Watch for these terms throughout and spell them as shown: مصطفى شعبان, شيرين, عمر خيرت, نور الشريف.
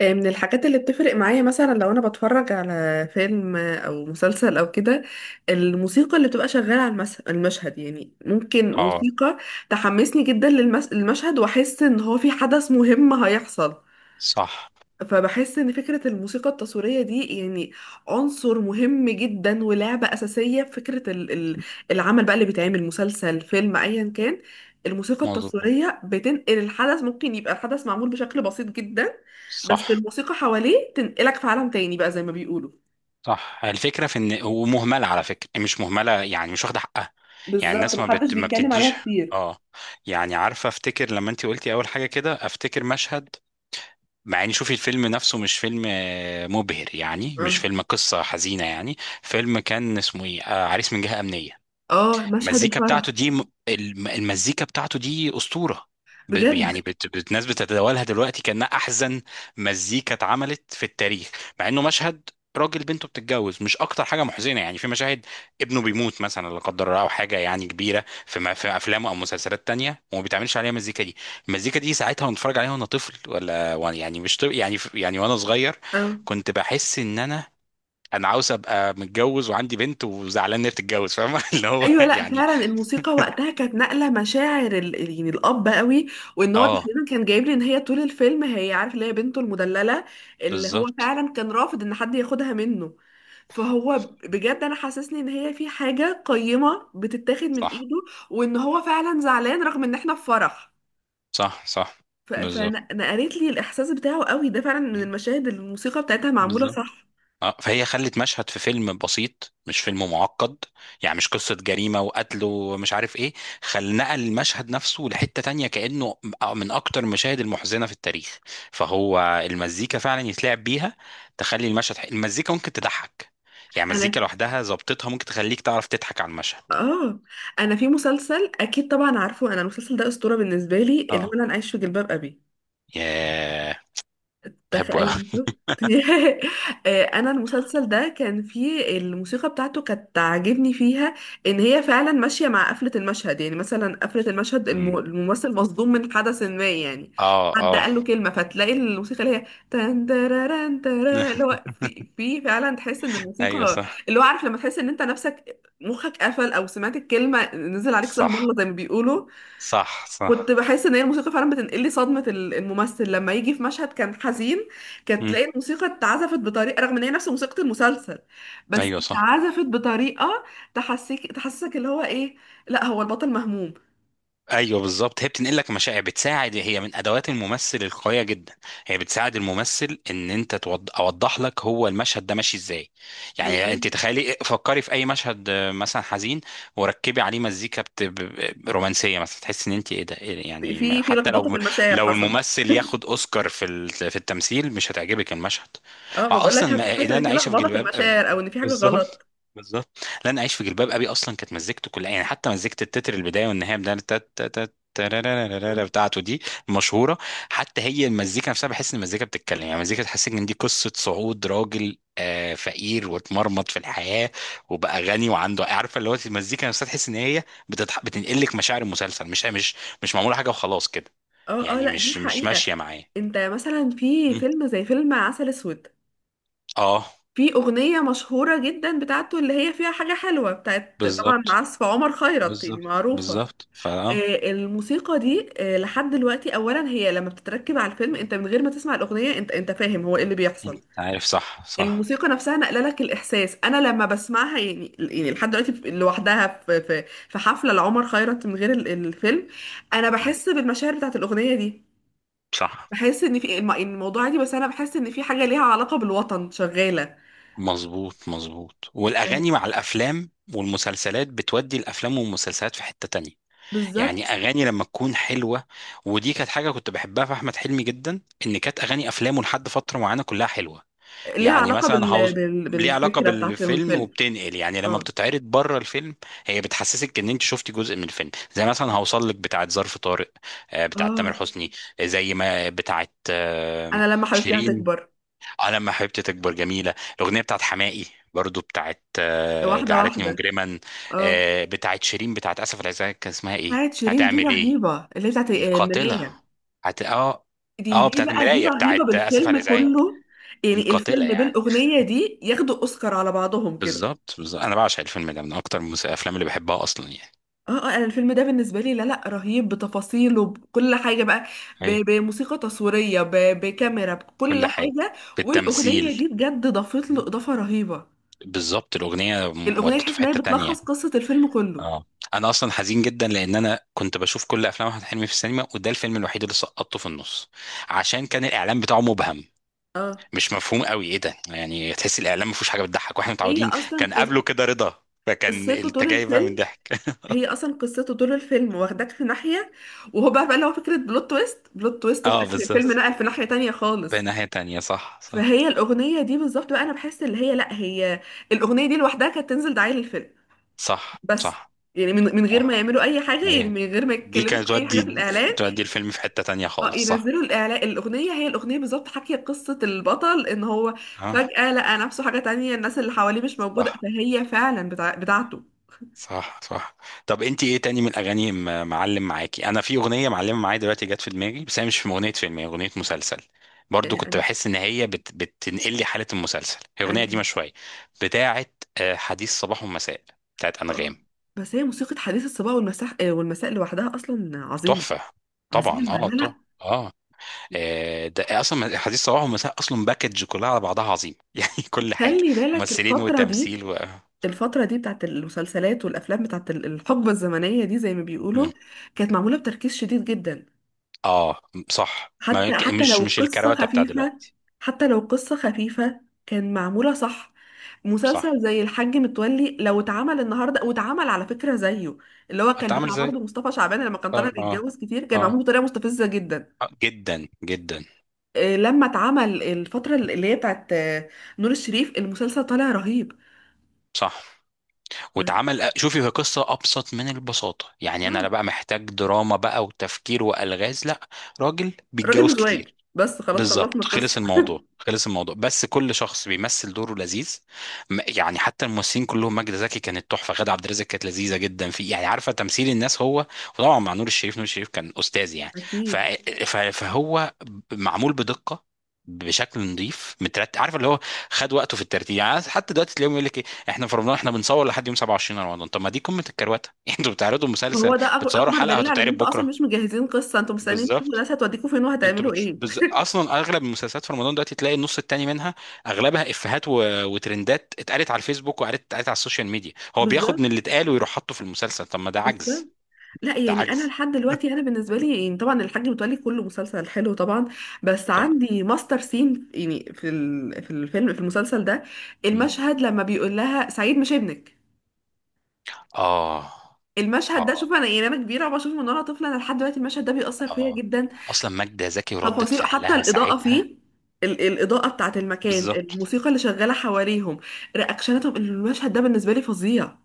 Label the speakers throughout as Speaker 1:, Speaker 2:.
Speaker 1: من الحاجات اللي بتفرق معايا مثلا لو انا بتفرج على فيلم او مسلسل او كده، الموسيقى اللي بتبقى شغاله على المشهد. يعني ممكن
Speaker 2: اه.
Speaker 1: موسيقى تحمسني جدا للمشهد، واحس ان هو في حدث مهم هيحصل.
Speaker 2: صح.
Speaker 1: فبحس ان فكرة الموسيقى التصويرية دي يعني عنصر مهم جدا ولعبة اساسية في فكرة العمل بقى اللي بيتعمل، مسلسل فيلم ايا كان. الموسيقى
Speaker 2: مظبوط.
Speaker 1: التصويرية بتنقل الحدث. ممكن يبقى الحدث معمول بشكل بسيط جدا،
Speaker 2: صح
Speaker 1: بس الموسيقى حواليه تنقلك في عالم تاني بقى زي ما بيقولوا.
Speaker 2: صح. الفكره في ان ومهمله، على فكره مش مهمله، يعني مش واخده حقها. يعني
Speaker 1: بالظبط،
Speaker 2: الناس
Speaker 1: محدش
Speaker 2: ما
Speaker 1: بيتكلم
Speaker 2: بتديش.
Speaker 1: عليها كتير.
Speaker 2: اه. يعني عارفه افتكر لما انت قلتي اول حاجه كده افتكر مشهد، مع ان شوفي الفيلم نفسه مش فيلم مبهر، يعني مش
Speaker 1: اه،
Speaker 2: فيلم قصه حزينه يعني. فيلم كان اسمه ايه، عريس من جهه امنيه.
Speaker 1: اه، مشهد
Speaker 2: المزيكا بتاعته
Speaker 1: الفرح.
Speaker 2: دي المزيكا بتاعته دي أسطورة.
Speaker 1: بجد.
Speaker 2: يعني الناس بتتداولها دلوقتي كأنها أحزن مزيكا اتعملت في التاريخ. مع إنه مشهد راجل بنته بتتجوز، مش أكتر حاجة محزنة، يعني في مشاهد ابنه بيموت مثلا، لا قدر الله، أو حاجة يعني كبيرة في أفلام أو مسلسلات تانية، وما بيتعملش عليها المزيكا دي. المزيكا دي ساعتها وأنا بتفرج عليها وأنا طفل، ولا وأنا يعني مش طفل يعني، وأنا صغير،
Speaker 1: آه.
Speaker 2: كنت بحس إن انا عاوز ابقى متجوز وعندي بنت وزعلان ان هي بتتجوز، فاهم؟ اللي هو
Speaker 1: ايوه، لا
Speaker 2: يعني.
Speaker 1: فعلا الموسيقى وقتها كانت نقله مشاعر يعني الاب قوي. وان هو
Speaker 2: اه،
Speaker 1: تقريبا كان جايب لي ان هي طول الفيلم، هي عارف اللي هي بنته المدلله، اللي هو
Speaker 2: بالظبط.
Speaker 1: فعلا كان رافض ان حد ياخدها منه. فهو بجد انا حاسسني ان هي في حاجه قيمه بتتاخد من
Speaker 2: صح
Speaker 1: ايده، وان هو فعلا زعلان رغم ان احنا في فرح.
Speaker 2: صح. صح.
Speaker 1: فانا
Speaker 2: بالظبط
Speaker 1: أنا قريت لي الاحساس بتاعه قوي ده فعلا، من المشاهد اللي الموسيقى بتاعتها معموله
Speaker 2: بالظبط.
Speaker 1: صح.
Speaker 2: اه، فهي خلت مشهد في فيلم بسيط، مش فيلم معقد، يعني مش قصة جريمة وقتل ومش عارف ايه، خل نقل المشهد نفسه لحتة تانية، كأنه من أكتر المشاهد المحزنة في التاريخ. فهو المزيكا فعلا يتلعب بيها، تخلي المشهد المزيكا ممكن تضحك، يعني
Speaker 1: انا
Speaker 2: مزيكا لوحدها ظبطتها ممكن تخليك تعرف تضحك على المشهد.
Speaker 1: اه انا في مسلسل اكيد طبعا، عارفه انا المسلسل ده اسطوره بالنسبه لي، اللي
Speaker 2: اه.
Speaker 1: هو انا عايش في جلباب ابي.
Speaker 2: ياه. بحبه
Speaker 1: تخيل
Speaker 2: قوي.
Speaker 1: شفت انا المسلسل ده كان فيه الموسيقى بتاعته كانت عاجبني فيها، ان هي فعلا ماشيه مع قفله المشهد. يعني مثلا قفله المشهد، الممثل مصدوم من حدث ما يعني،
Speaker 2: اه
Speaker 1: حد
Speaker 2: اه.
Speaker 1: قال له كلمه فتلاقي الموسيقى اللي هي تان تاراران تارا، اللي هو في فعلا تحس ان
Speaker 2: ايوه
Speaker 1: الموسيقى،
Speaker 2: صح
Speaker 1: اللي هو عارف لما تحس ان انت نفسك مخك قفل او سمعت الكلمه نزل عليك سهم
Speaker 2: صح.
Speaker 1: الله زي ما بيقولوا.
Speaker 2: صح
Speaker 1: كنت
Speaker 2: صح.
Speaker 1: بحس ان هي الموسيقى فعلا بتنقل لي صدمه الممثل لما يجي في مشهد كان حزين، كانت
Speaker 2: مم.
Speaker 1: تلاقي الموسيقى اتعزفت بطريقه، رغم ان هي نفس موسيقى المسلسل، بس
Speaker 2: ايوه صح.
Speaker 1: اتعزفت بطريقه تحسسك اللي هو ايه، لا هو البطل مهموم.
Speaker 2: ايوه بالظبط، هي بتنقل لك مشاعر، بتساعد، هي من ادوات الممثل القويه جدا. هي بتساعد الممثل ان انت اوضح لك هو المشهد ده ماشي ازاي. يعني انت
Speaker 1: بالظبط.
Speaker 2: تخيلي فكري في اي مشهد مثلا حزين، وركبي عليه مزيكا رومانسيه مثلا، تحس ان انت ايه ده، إيه ده؟
Speaker 1: في
Speaker 2: يعني
Speaker 1: في
Speaker 2: حتى
Speaker 1: لخبطه في
Speaker 2: لو
Speaker 1: المشاعر حصلت.
Speaker 2: الممثل ياخد اوسكار في في التمثيل مش هتعجبك المشهد.
Speaker 1: اه، ما بقول لك
Speaker 2: واصلا ما...
Speaker 1: هتحس
Speaker 2: اللي
Speaker 1: ان
Speaker 2: انا
Speaker 1: في
Speaker 2: عايشه في
Speaker 1: لخبطه في
Speaker 2: جلباب ابي.
Speaker 1: المشاعر او ان في حاجه
Speaker 2: بالظبط
Speaker 1: غلط.
Speaker 2: بالظبط. لن اعيش في جلباب ابي، اصلا كانت مزيكته كلها يعني، حتى مزيكه التتر البدايه والنهايه بتاع تارارارارارا بتاعته دي المشهوره. حتى هي المزيكا نفسها بحس ان المزيكا بتتكلم، يعني المزيكا تحسسك ان دي قصه صعود راجل فقير واتمرمط في الحياه وبقى غني وعنده، عارفه اللي هو المزيكا نفسها تحس ان هي بتنقلك مشاعر المسلسل، مش مش معموله حاجه وخلاص كده،
Speaker 1: اه، اه،
Speaker 2: يعني
Speaker 1: لا دي
Speaker 2: مش
Speaker 1: حقيقه.
Speaker 2: ماشيه معايا.
Speaker 1: انت مثلا في
Speaker 2: مم.
Speaker 1: فيلم زي فيلم عسل اسود،
Speaker 2: اه
Speaker 1: في أغنية مشهورة جدا بتاعته، اللي هي فيها حاجة حلوة بتاعت طبعا
Speaker 2: بالظبط.
Speaker 1: عزف عمر خيرت، يعني
Speaker 2: بالظبط
Speaker 1: معروفة.
Speaker 2: بالظبط فا،
Speaker 1: الموسيقى دي لحد دلوقتي أولا هي لما بتتركب على الفيلم، أنت من غير ما تسمع الأغنية أنت فاهم هو إيه اللي بيحصل.
Speaker 2: انت عارف. صح صح.
Speaker 1: الموسيقى نفسها نقل لك الإحساس. أنا لما بسمعها، يعني لحد دلوقتي لوحدها، في حفلة لعمر خيرت من غير الفيلم، أنا
Speaker 2: مم.
Speaker 1: بحس بالمشاعر بتاعت الأغنية دي.
Speaker 2: صح.
Speaker 1: بحس إن في الموضوع دي، بس أنا بحس إن في حاجة ليها علاقة بالوطن شغالة.
Speaker 2: مظبوط مظبوط. والاغاني مع الافلام والمسلسلات بتودي الافلام والمسلسلات في حتة تانية،
Speaker 1: بالظبط.
Speaker 2: يعني اغاني لما تكون حلوة. ودي كانت حاجة كنت بحبها في احمد حلمي جدا، ان كانت اغاني افلامه لحد فترة معينة كلها حلوة.
Speaker 1: ليها
Speaker 2: يعني
Speaker 1: علاقة
Speaker 2: مثلا هاوس، ليه علاقة
Speaker 1: بالفكرة بتاعت
Speaker 2: بالفيلم
Speaker 1: الفيلم.
Speaker 2: وبتنقل يعني لما
Speaker 1: اه،
Speaker 2: بتتعرض بره الفيلم، هي بتحسسك ان انت شفتي جزء من الفيلم. زي مثلا هوصل لك بتاعت ظرف طارق، بتاعت تامر
Speaker 1: اه،
Speaker 2: حسني. زي ما بتاعت
Speaker 1: انا لما حبيبتي
Speaker 2: شيرين،
Speaker 1: هتكبر.
Speaker 2: على ما حبيبتي تكبر، جميلة الأغنية بتاعت حماقي. برضو بتاعت
Speaker 1: واحدة
Speaker 2: جعلتني
Speaker 1: واحدة.
Speaker 2: مجرما،
Speaker 1: اه،
Speaker 2: بتاعت شيرين، بتاعت آسف على الإزعاج كان اسمها إيه؟
Speaker 1: بتاعت شيرين دي
Speaker 2: هتعمل إيه.
Speaker 1: رهيبة، اللي بتاعت
Speaker 2: دي قاتلة.
Speaker 1: المراية.
Speaker 2: هت... آه
Speaker 1: دي
Speaker 2: آه
Speaker 1: دي
Speaker 2: بتاعت
Speaker 1: بقى دي
Speaker 2: المراية،
Speaker 1: رهيبة
Speaker 2: بتاعت آسف على
Speaker 1: بالفيلم
Speaker 2: الإزعاج
Speaker 1: كله.
Speaker 2: دي
Speaker 1: يعني
Speaker 2: قاتلة
Speaker 1: الفيلم
Speaker 2: يعني.
Speaker 1: بالأغنية دي ياخدوا أوسكار على بعضهم كده.
Speaker 2: بالظبط بالظبط، أنا بعشق الفيلم ده، من أكتر الأفلام اللي بحبها أصلا يعني.
Speaker 1: اه، اه، انا الفيلم ده بالنسبة لي، لا لا، رهيب بتفاصيله بكل حاجة بقى،
Speaker 2: أيوة.
Speaker 1: بموسيقى تصويرية، بكاميرا، بكل
Speaker 2: كل
Speaker 1: حاجة.
Speaker 2: حاجة.
Speaker 1: والأغنية
Speaker 2: بالتمثيل.
Speaker 1: دي بجد ضافت له
Speaker 2: م.
Speaker 1: إضافة رهيبة.
Speaker 2: بالظبط. الأغنية
Speaker 1: الاغنيه
Speaker 2: ودته
Speaker 1: تحس
Speaker 2: في
Speaker 1: ان هي
Speaker 2: حتة تانية.
Speaker 1: بتلخص قصه الفيلم كله.
Speaker 2: اه. انا اصلا حزين جدا لان انا كنت بشوف كل افلام احمد حلمي في السينما، وده الفيلم الوحيد اللي سقطته في النص، عشان كان الاعلان بتاعه مبهم،
Speaker 1: اه،
Speaker 2: مش مفهوم قوي ايه ده، يعني تحس الاعلان ما فيهوش حاجه بتضحك، واحنا
Speaker 1: هي
Speaker 2: متعودين.
Speaker 1: اصلا
Speaker 2: كان قبله كده رضا، فكان
Speaker 1: قصته
Speaker 2: انت
Speaker 1: طول
Speaker 2: جاي بقى من
Speaker 1: الفيلم.
Speaker 2: ضحك.
Speaker 1: واخداك في ناحيه. وهو بقى اللي هو فكره بلوت تويست في
Speaker 2: اه
Speaker 1: اخر الفيلم،
Speaker 2: بالظبط،
Speaker 1: نقل في ناحيه تانية
Speaker 2: بقى
Speaker 1: خالص.
Speaker 2: ناحيه تانية. صح صح.
Speaker 1: فهي الاغنيه دي بالظبط بقى، انا بحس اللي هي لا، هي الاغنيه دي لوحدها كانت تنزل دعايه للفيلم
Speaker 2: صح
Speaker 1: بس.
Speaker 2: صح.
Speaker 1: يعني من غير ما
Speaker 2: صح
Speaker 1: يعملوا اي حاجه، يعني
Speaker 2: ايه،
Speaker 1: من غير ما
Speaker 2: دي
Speaker 1: يتكلموا
Speaker 2: كانت
Speaker 1: في اي حاجه في
Speaker 2: تودي،
Speaker 1: الاعلان.
Speaker 2: تودي الفيلم في حته تانية
Speaker 1: اه،
Speaker 2: خالص. صح.
Speaker 1: ينزلوا الاعلان الاغنيه، هي الاغنيه بالظبط حكي قصه البطل ان هو
Speaker 2: اه
Speaker 1: فجاه لقى نفسه حاجه تانية، الناس اللي حواليه مش موجوده.
Speaker 2: صح
Speaker 1: فهي فعلا بتاعته.
Speaker 2: صح. صح. طب انت ايه تاني من الاغاني معلم معاكي؟ انا في اغنيه معلمه معايا دلوقتي جت في دماغي، بس هي مش من اغنيه فيلم، هي اغنيه مسلسل.
Speaker 1: آه،
Speaker 2: برضو كنت
Speaker 1: أن...
Speaker 2: بحس ان هي بتنقل لي حاله المسلسل. هي اغنيه
Speaker 1: أن...
Speaker 2: دي شويه بتاعه، حديث صباح ومساء، بتاعه انغام.
Speaker 1: اه بس هي موسيقى حديث الصباح والمساء والمساء لوحدها اصلا عظيمه.
Speaker 2: تحفه. طبعا
Speaker 1: عظيمه،
Speaker 2: اه
Speaker 1: لا
Speaker 2: طبعا.
Speaker 1: لا.
Speaker 2: اه. ده اصلا حديث صباح ومساء اصلا باكج كلها على بعضها عظيم. يعني كل حاجه،
Speaker 1: خلي بالك
Speaker 2: ممثلين
Speaker 1: الفتره دي
Speaker 2: وتمثيل و...
Speaker 1: الفترة دي بتاعت المسلسلات والأفلام بتاعت الحقبة الزمنية دي زي ما
Speaker 2: مم.
Speaker 1: بيقولوا، كانت معمولة بتركيز شديد جدا.
Speaker 2: اه صح ما...
Speaker 1: حتى حتى
Speaker 2: مش
Speaker 1: لو قصة
Speaker 2: الكروته بتاع
Speaker 1: خفيفة
Speaker 2: دلوقتي.
Speaker 1: حتى لو قصة خفيفة كان معمولة صح.
Speaker 2: صح.
Speaker 1: مسلسل زي الحاج متولي لو اتعمل النهارده، واتعمل على فكرة زيه، اللي هو كان
Speaker 2: اتعامل
Speaker 1: بتاع
Speaker 2: زي،
Speaker 1: برضه مصطفى شعبان لما كان طالع
Speaker 2: طب- اه،
Speaker 1: بيتجوز كتير، كان
Speaker 2: اه،
Speaker 1: معمول بطريقة مستفزة جدا.
Speaker 2: جدا جدا.
Speaker 1: لما اتعمل الفترة اللي هي بتاعت نور الشريف، المسلسل طالع رهيب.
Speaker 2: صح.
Speaker 1: آه،
Speaker 2: واتعمل، شوفي هي قصه ابسط من البساطه يعني، انا لا
Speaker 1: آه،
Speaker 2: بقى محتاج دراما بقى وتفكير والغاز، لا، راجل
Speaker 1: راجل
Speaker 2: بيتجوز
Speaker 1: مزواج
Speaker 2: كتير.
Speaker 1: بس، خلاص خلصنا
Speaker 2: بالظبط. خلص
Speaker 1: القصة
Speaker 2: الموضوع خلص الموضوع، بس كل شخص بيمثل دوره لذيذ. يعني حتى الممثلين كلهم، ماجدة زكي كانت تحفة، غادة عبد الرازق كانت لذيذة جدا، في يعني عارفة تمثيل الناس هو، وطبعا مع نور الشريف، نور الشريف كان أستاذ يعني. ف...
Speaker 1: أكيد.
Speaker 2: فهو معمول بدقة، بشكل نظيف مترتب، عارف اللي هو خد وقته في الترتيب. يعني حتى دلوقتي تلاقيهم يقول لك ايه، احنا في رمضان، احنا بنصور لحد يوم 27 رمضان. طب ما دي قمة الكروتة، انتوا بتعرضوا مسلسل
Speaker 1: هو ده أكبر
Speaker 2: بتصوروا
Speaker 1: أكبر
Speaker 2: حلقة
Speaker 1: دليل على إن
Speaker 2: هتتعرض
Speaker 1: أنتوا أصلا
Speaker 2: بكرة.
Speaker 1: مش مجهزين قصة، أنتوا مستنيين تشوفوا
Speaker 2: بالظبط.
Speaker 1: الناس هتوديكوا فين
Speaker 2: انتوا
Speaker 1: وهتعملوا إيه.
Speaker 2: اصلا اغلب المسلسلات في رمضان دلوقتي تلاقي النص التاني منها اغلبها افيهات و... وترندات اتقالت على الفيسبوك وقالت اتقالت على السوشيال ميديا، هو بياخد من
Speaker 1: بالظبط.
Speaker 2: اللي اتقال ويروح حاطه في المسلسل. طب ما ده
Speaker 1: بس
Speaker 2: عجز،
Speaker 1: لا
Speaker 2: ده
Speaker 1: يعني انا
Speaker 2: عجز.
Speaker 1: لحد دلوقتي، انا بالنسبه لي يعني طبعا الحاج متولي كله مسلسل حلو طبعا، بس
Speaker 2: طب.
Speaker 1: عندي ماستر سين يعني في في الفيلم في المسلسل ده،
Speaker 2: مم.
Speaker 1: المشهد لما بيقول لها سعيد مش ابنك.
Speaker 2: اه
Speaker 1: المشهد ده،
Speaker 2: اه
Speaker 1: شوف انا يعني انا كبيره وبشوفه من وانا طفله، انا لحد دلوقتي المشهد ده بيأثر فيا
Speaker 2: اه.
Speaker 1: جدا.
Speaker 2: اصلا ماجدة زكي وردة
Speaker 1: تفاصيله حتى
Speaker 2: فعلها
Speaker 1: الاضاءه
Speaker 2: ساعتها.
Speaker 1: فيه، الاضاءه بتاعت المكان،
Speaker 2: بالظبط.
Speaker 1: الموسيقى اللي شغاله حواليهم، رياكشناتهم، المشهد ده بالنسبه لي فظيع.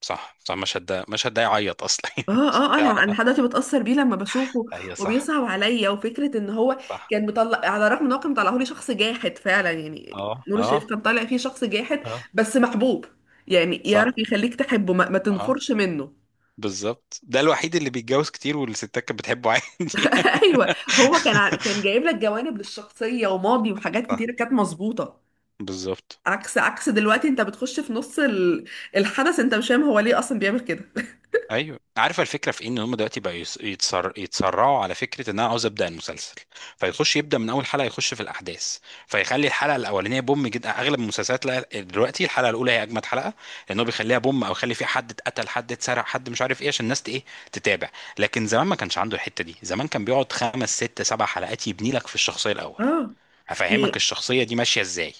Speaker 2: صح صح، مشهد ده، مشهد ده يعيط اصلا.
Speaker 1: اه،
Speaker 2: مشهد
Speaker 1: اه، اه،
Speaker 2: ده-
Speaker 1: انا لحد دلوقتي بتأثر بيه لما بشوفه،
Speaker 2: ايوه صح.
Speaker 1: وبيصعب عليا، وفكرة ان هو
Speaker 2: صح.
Speaker 1: كان مطلع، على الرغم ان هو كان مطلعه لي شخص جاحد فعلا، يعني
Speaker 2: اه
Speaker 1: نور الشريف
Speaker 2: اه
Speaker 1: كان طالع فيه شخص جاحد
Speaker 2: اه.
Speaker 1: بس محبوب، يعني
Speaker 2: صح.
Speaker 1: يعرف يخليك تحبه ما
Speaker 2: اه
Speaker 1: تنفرش منه.
Speaker 2: بالظبط، ده الوحيد اللي بيتجوز كتير والستات كانت بتحبه عادي.
Speaker 1: ايوه. هو كان كان جايب لك جوانب للشخصية وماضي وحاجات
Speaker 2: صح،
Speaker 1: كتيرة كانت مظبوطة.
Speaker 2: بالظبط.
Speaker 1: عكس دلوقتي، انت بتخش في نص الحدث، انت مش فاهم هو ليه اصلا بيعمل كده.
Speaker 2: ايوه عارف الفكره في إيه؟ ان هم دلوقتي بقى يتسرعوا، على فكره ان انا عاوز ابدا المسلسل، فيخش يبدا من اول حلقه يخش في الاحداث، فيخلي الحلقه الاولانيه بوم جدا. اغلب المسلسلات لا، دلوقتي الحلقه الاولى هي اجمد حلقه، لان هو بيخليها بوم، او يخلي فيها حد اتقتل، حد اتسرق، حد مش عارف ايه، عشان الناس ايه، تتابع. لكن زمان ما كانش عنده الحته دي، زمان كان بيقعد خمس ست سبع حلقات يبني لك في الشخصيه الاول،
Speaker 1: اه.
Speaker 2: افهمك
Speaker 1: يعني
Speaker 2: الشخصيه دي ماشيه ازاي.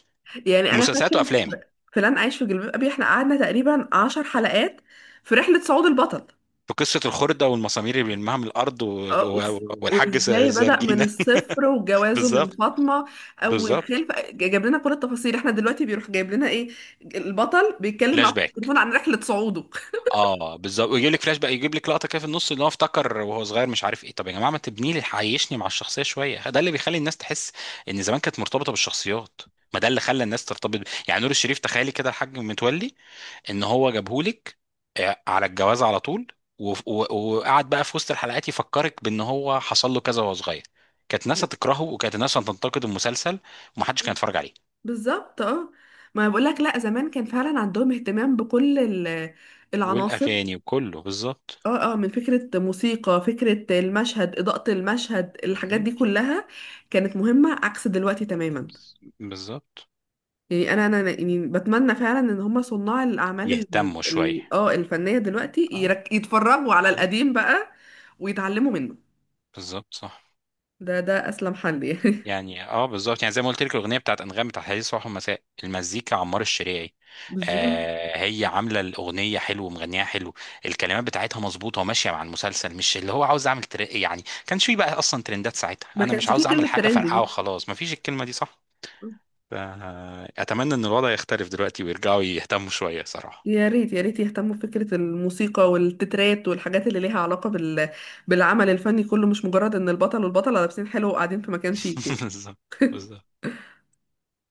Speaker 1: يعني انا
Speaker 2: مسلسلات
Speaker 1: فاكر
Speaker 2: وافلام.
Speaker 1: فلان عايش في جلباب ابي، احنا قعدنا تقريبا 10 حلقات في رحلة صعود البطل.
Speaker 2: في قصة الخردة والمسامير اللي بيلمها من الأرض و...
Speaker 1: اه،
Speaker 2: و... والحاج
Speaker 1: وازاي بدأ من
Speaker 2: زرجينة.
Speaker 1: الصفر وجوازه من
Speaker 2: بالظبط
Speaker 1: فاطمة، اول
Speaker 2: بالظبط.
Speaker 1: خلفة، جاب لنا كل التفاصيل. احنا دلوقتي بيروح جايب لنا ايه، البطل بيتكلم
Speaker 2: فلاش
Speaker 1: معاه في
Speaker 2: باك.
Speaker 1: التليفون عن رحلة صعوده.
Speaker 2: اه بالظبط، ويجيب لك فلاش باك، يجيب لك لقطة كده في النص اللي هو افتكر وهو صغير مش عارف ايه. طب يا جماعة ما تبني لي، عيشني مع الشخصية شوية، ده اللي بيخلي الناس تحس إن زمان كانت مرتبطة بالشخصيات، ما ده اللي خلى الناس ترتبط ب- يعني نور الشريف، تخيلي كده الحاج متولي، ان هو جابهولك على الجواز على طول، وقعد بقى في وسط الحلقات يفكرك بان هو حصل له كذا وهو صغير، كانت ناس
Speaker 1: م-
Speaker 2: هتكرهه وكانت ناس هتنتقد المسلسل، ومحدش كان يتفرج عليه.
Speaker 1: بالظبط. اه، ما بقول لك، لا زمان كان فعلا عندهم اهتمام بكل العناصر.
Speaker 2: والاغاني وكله بالظبط.
Speaker 1: اه، اه، من فكرة موسيقى، فكرة المشهد، إضاءة المشهد، الحاجات دي
Speaker 2: بالظبط.
Speaker 1: كلها كانت مهمة عكس دلوقتي تماما.
Speaker 2: بالظبط.
Speaker 1: يعني انا يعني بتمنى فعلا ان هم صناع الاعمال
Speaker 2: يهتموا شويه.
Speaker 1: الفنية دلوقتي
Speaker 2: اه.
Speaker 1: يتفرجوا على
Speaker 2: أي.
Speaker 1: القديم بقى ويتعلموا منه.
Speaker 2: بالظبط. صح.
Speaker 1: ده اسلم حل يعني.
Speaker 2: يعني اه بالظبط، يعني زي ما قلت لك الاغنيه بتاعت انغام بتاعت حديث صباح ومساء، المزيكا عمار الشريعي،
Speaker 1: بالظبط.
Speaker 2: آه هي عامله الاغنيه حلو ومغنيها حلو، الكلمات بتاعتها مظبوطه وماشيه مع المسلسل، مش اللي هو عاوز اعمل يعني كانش في بقى اصلا ترندات ساعتها،
Speaker 1: ما
Speaker 2: انا مش
Speaker 1: كانش فيه
Speaker 2: عاوز اعمل
Speaker 1: كلمة
Speaker 2: حاجه
Speaker 1: ترند
Speaker 2: فرقعه
Speaker 1: دي.
Speaker 2: وخلاص، مفيش الكلمه دي صح. ف- اتمنى ان الوضع يختلف دلوقتي ويرجعوا يهتموا شويه صراحه.
Speaker 1: يا ريت، يا ريت يهتموا بفكرة الموسيقى والتترات والحاجات اللي ليها علاقة بالعمل الفني كله، مش مجرد ان البطل والبطلة لابسين حلو وقاعدين في مكان شيك يعني.
Speaker 2: بالظبط بالظبط.